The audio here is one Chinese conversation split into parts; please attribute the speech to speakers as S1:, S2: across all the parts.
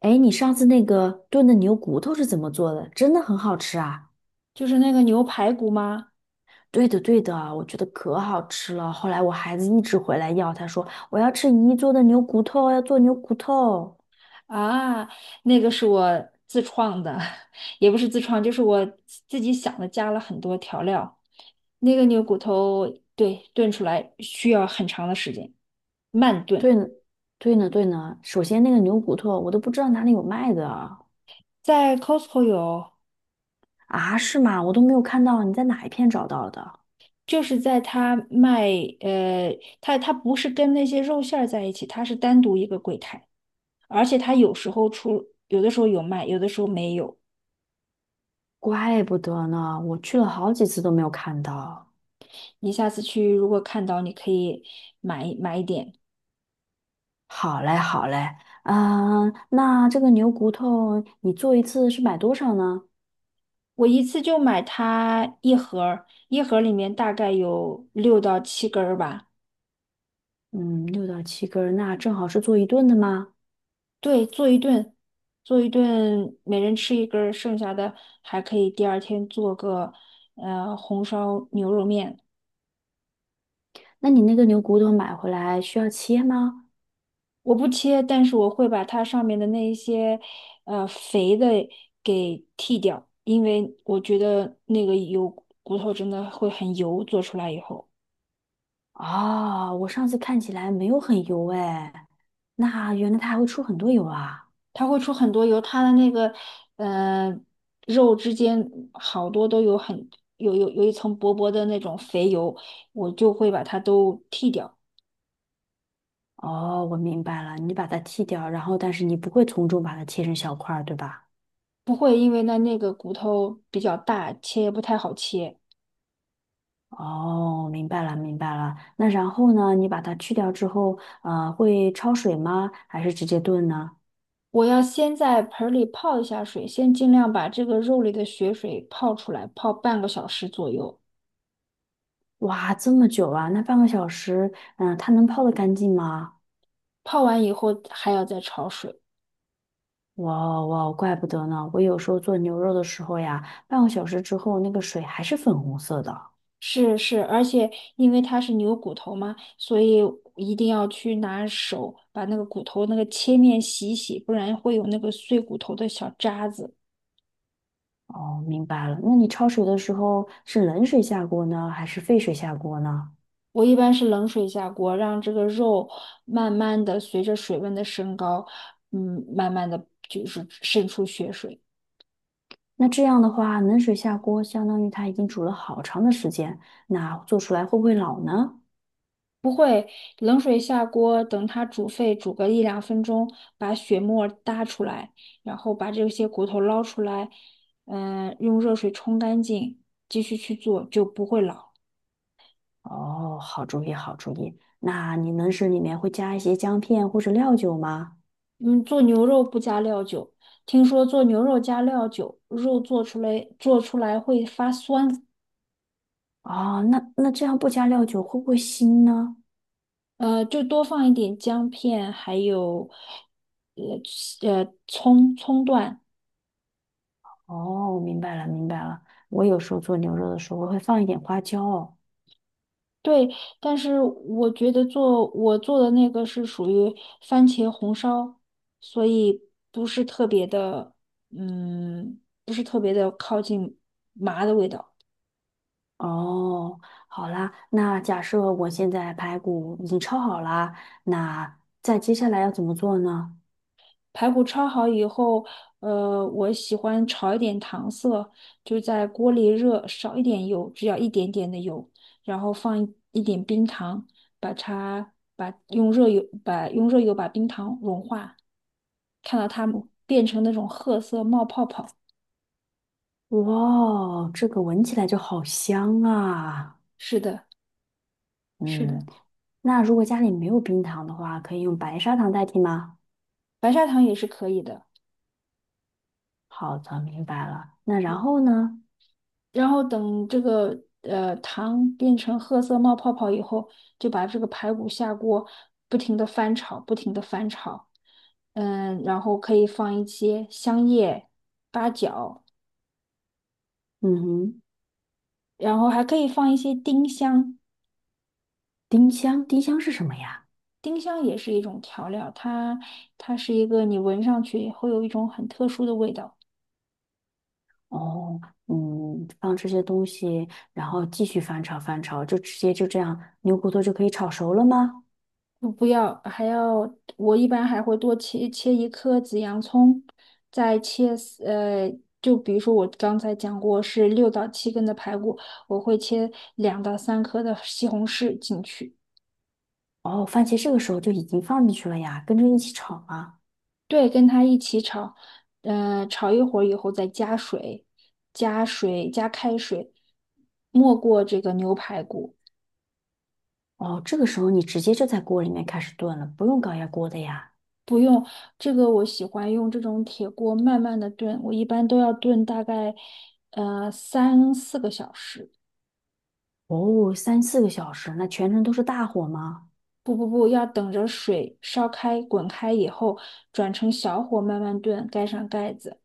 S1: 哎，你上次那个炖的牛骨头是怎么做的？真的很好吃啊！
S2: 就是那个牛排骨吗？
S1: 对的，对的，我觉得可好吃了。后来我孩子一直回来要，他说我要吃姨做的牛骨头，要做牛骨头。
S2: 啊，那个是我自创的，也不是自创，就是我自己想的，加了很多调料。那个牛骨头，对，炖出来需要很长的时间，慢炖。
S1: 对呢，对呢，对呢。首先那个牛骨头我都不知道哪里有卖的
S2: 在 Costco 有，
S1: 啊，是吗？我都没有看到，你在哪一片找到的？
S2: 就是在他卖，呃，他不是跟那些肉馅儿在一起，他是单独一个柜台，而且他有时候出，有的时候有卖，有的时候没有。
S1: 怪不得呢，我去了好几次都没有看到。
S2: 你下次去如果看到，你可以买一点。
S1: 好嘞，好嘞，嗯、那这个牛骨头你做一次是买多少呢？
S2: 我一次就买它一盒儿，一盒儿里面大概有6到7根儿吧。
S1: 嗯，6到7根儿，那正好是做一顿的吗？
S2: 对，做一顿，做一顿，每人吃一根儿，剩下的还可以第二天做个红烧牛肉面。
S1: 那你那个牛骨头买回来需要切吗？
S2: 我不切，但是我会把它上面的那一些肥的给剔掉，因为我觉得那个油骨头真的会很油，做出来以后。
S1: 哦，我上次看起来没有很油哎，那原来它还会出很多油啊。
S2: 它会出很多油，它的那个嗯，肉之间好多都有很有有有一层薄薄的那种肥油，我就会把它都剔掉，
S1: 哦，我明白了，你把它剔掉，然后但是你不会从中把它切成小块儿，对吧？
S2: 不会因为那个骨头比较大，切也不太好切。
S1: 哦，明白了，明白了。那然后呢？你把它去掉之后，会焯水吗？还是直接炖呢？
S2: 我要先在盆儿里泡一下水，先尽量把这个肉里的血水泡出来，泡半个小时左右。
S1: 哇，这么久啊，那半个小时，嗯、它能泡得干净吗？
S2: 泡完以后还要再焯水。
S1: 哇哦哇哦，怪不得呢！我有时候做牛肉的时候呀，半个小时之后那个水还是粉红色的。
S2: 是是，而且因为它是牛骨头嘛，所以一定要去拿手把那个骨头那个切面洗一洗，不然会有那个碎骨头的小渣子。
S1: 哦，明白了。那你焯水的时候是冷水下锅呢，还是沸水下锅呢？
S2: 我一般是冷水下锅，让这个肉慢慢的随着水温的升高，慢慢的就是渗出血水。
S1: 那这样的话，冷水下锅相当于它已经煮了好长的时间，那做出来会不会老呢？
S2: 冷水下锅，等它煮沸，煮个1到2分钟，把血沫搭出来，然后把这些骨头捞出来，用热水冲干净，继续去做就不会老。
S1: 哦，好主意，好主意。那你冷水里面会加一些姜片或者料酒吗？
S2: 嗯，做牛肉不加料酒，听说做牛肉加料酒，肉做出来会发酸，
S1: 哦，那这样不加料酒会不会腥呢？
S2: 就多放一点姜片，还有呃葱段。
S1: 哦，明白了，明白了。我有时候做牛肉的时候，我会放一点花椒哦。
S2: 对，但是我觉得我做的那个是属于番茄红烧，所以不是特别的，不是特别的靠近麻的味道。
S1: 哦好啦，那假设我现在排骨已经焯好啦，那再接下来要怎么做呢？
S2: 排骨焯好以后，我喜欢炒一点糖色，就在锅里热，少一点油，只要一点点的油，然后放一点冰糖，把它把用热油把用热油把冰糖融化，看到它变成那种褐色冒泡泡。
S1: 哇，这个闻起来就好香啊！
S2: 是的，是
S1: 嗯，
S2: 的，
S1: 那如果家里没有冰糖的话，可以用白砂糖代替吗？
S2: 白砂糖也是可以的。
S1: 好的，明白了。那然后呢？
S2: 然后等这个糖变成褐色冒泡泡以后，就把这个排骨下锅，不停的翻炒，不停的翻炒。然后可以放一些香叶、八角，
S1: 嗯哼，
S2: 然后还可以放一些丁香。
S1: 丁香，丁香是什么呀？
S2: 丁香也是一种调料，它是一个你闻上去会有一种很特殊的味道。
S1: 哦，嗯，放这些东西，然后继续翻炒翻炒，就直接就这样，牛骨头就可以炒熟了吗？
S2: 不要，我一般还会多切一颗紫洋葱，再切丝就比如说我刚才讲过是六到七根的排骨，我会切2到3颗的西红柿进去，
S1: 哦，番茄这个时候就已经放进去了呀，跟着一起炒啊。
S2: 对，跟它一起炒，炒一会儿以后再加水，加水加开水，没过这个牛排骨。
S1: 哦，这个时候你直接就在锅里面开始炖了，不用高压锅的呀。
S2: 不用，这个我喜欢用这种铁锅慢慢的炖，我一般都要炖大概，3到4个小时。
S1: 哦，三四个小时，那全程都是大火吗？
S2: 不不不，要等着水烧开、滚开以后，转成小火慢慢炖，盖上盖子。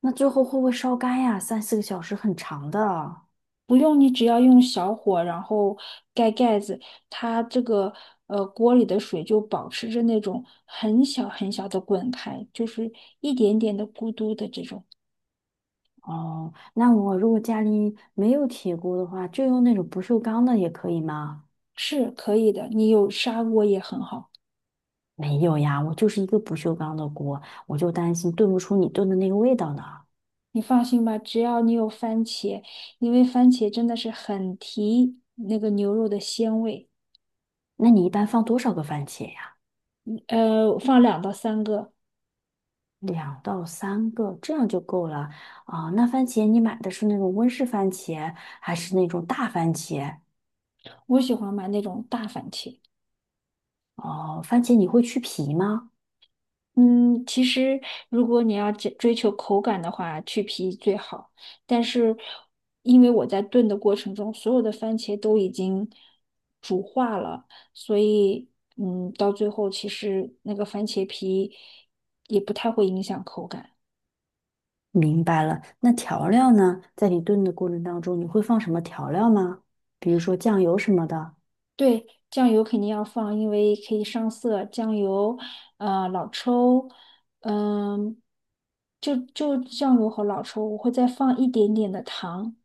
S1: 那最后会不会烧干呀？三四个小时很长的啊。
S2: 不用你只要用小火，然后盖盖子，它这个锅里的水就保持着那种很小很小的滚开，就是一点点的咕嘟的这种，
S1: 哦，那我如果家里没有铁锅的话，就用那种不锈钢的也可以吗？
S2: 是可以的。你有砂锅也很好，
S1: 没有呀，我就是一个不锈钢的锅，我就担心炖不出你炖的那个味道呢。
S2: 你放心吧，只要你有番茄，因为番茄真的是很提那个牛肉的鲜味，
S1: 那你一般放多少个番茄呀？
S2: 放2到3个。
S1: 2到3个，这样就够了啊。那番茄你买的是那种温室番茄，还是那种大番茄？
S2: 我喜欢买那种大番茄。
S1: 哦，番茄你会去皮吗？
S2: 嗯，其实如果你要追求口感的话，去皮最好。但是因为我在炖的过程中，所有的番茄都已经煮化了，所以到最后其实那个番茄皮也不太会影响口感。
S1: 明白了。那调料呢？在你炖的过程当中，你会放什么调料吗？比如说酱油什么的。
S2: 对，酱油肯定要放，因为可以上色。酱油，老抽，嗯，就酱油和老抽，我会再放一点点的糖。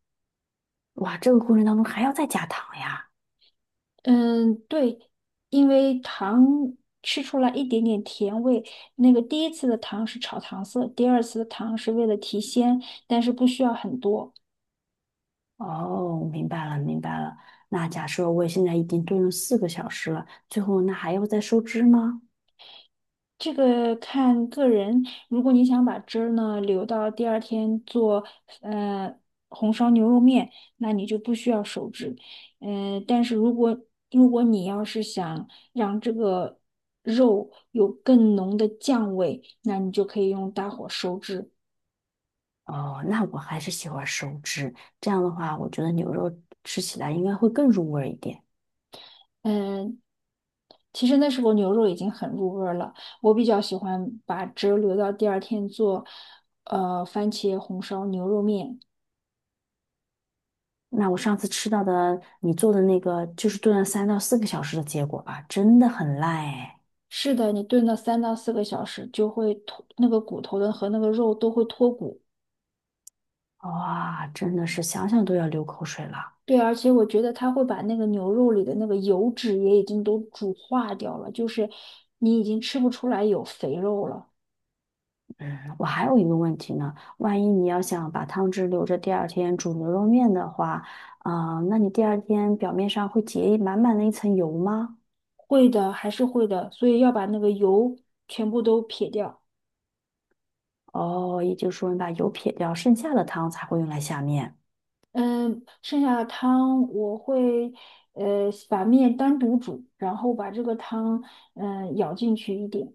S1: 哇，这个过程当中还要再加糖呀。
S2: 嗯，对，因为糖吃出来一点点甜味。那个第一次的糖是炒糖色，第二次的糖是为了提鲜，但是不需要很多。
S1: 哦，明白了，明白了。那假设我现在已经炖了四个小时了，最后那还要再收汁吗？
S2: 这个看个人，如果你想把汁儿呢留到第二天做呃红烧牛肉面，那你就不需要手汁。但是如果你要是想让这个肉有更浓的酱味，那你就可以用大火收汁。
S1: 哦，那我还是喜欢收汁，这样的话，我觉得牛肉吃起来应该会更入味儿一点。
S2: 嗯、其实那时候牛肉已经很入味儿了，我比较喜欢把汁儿留到第二天做番茄红烧牛肉面。
S1: 那我上次吃到的你做的那个，就是炖了3到4个小时的结果啊，真的很烂哎！
S2: 是的，你炖到3到4个小时，就会脱那个骨头的和那个肉都会脱骨。
S1: 哇，真的是想想都要流口水了。
S2: 对，而且我觉得它会把那个牛肉里的那个油脂也已经都煮化掉了，就是你已经吃不出来有肥肉了。
S1: 嗯，我还有一个问题呢，万一你要想把汤汁留着第二天煮牛肉面的话，啊、那你第二天表面上会结满满的一层油吗？
S2: 会的，还是会的，所以要把那个油全部都撇掉。
S1: 哦，也就是说你把油撇掉，剩下的汤才会用来下面。
S2: 嗯，剩下的汤我会把面单独煮，然后把这个汤舀进去一点，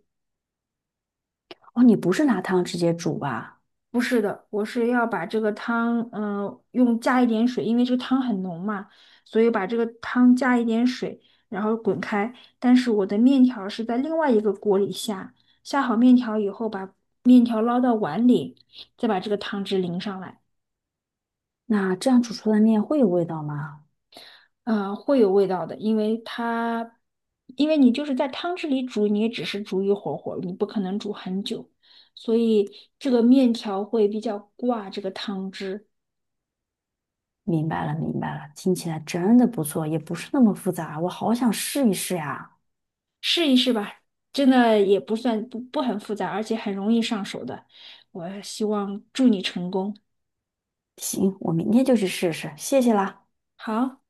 S1: 哦，你不是拿汤直接煮吧？
S2: 不是的，我是要把这个汤，加一点水，因为这个汤很浓嘛，所以把这个汤加一点水，然后滚开。但是我的面条是在另外一个锅里下，下好面条以后，把面条捞到碗里，再把这个汤汁淋上来，
S1: 那这样煮出来的面会有味道吗？
S2: 会有味道的，因为你就是在汤汁里煮，你也只是煮一会儿，你不可能煮很久，所以这个面条会比较挂这个汤汁。
S1: 明白了，明白了，听起来真的不错，也不是那么复杂，我好想试一试呀。
S2: 试一试吧，真的也不算不不很复杂，而且很容易上手的。我希望祝你成功。
S1: 行，我明天就去试试，谢谢啦。
S2: 好。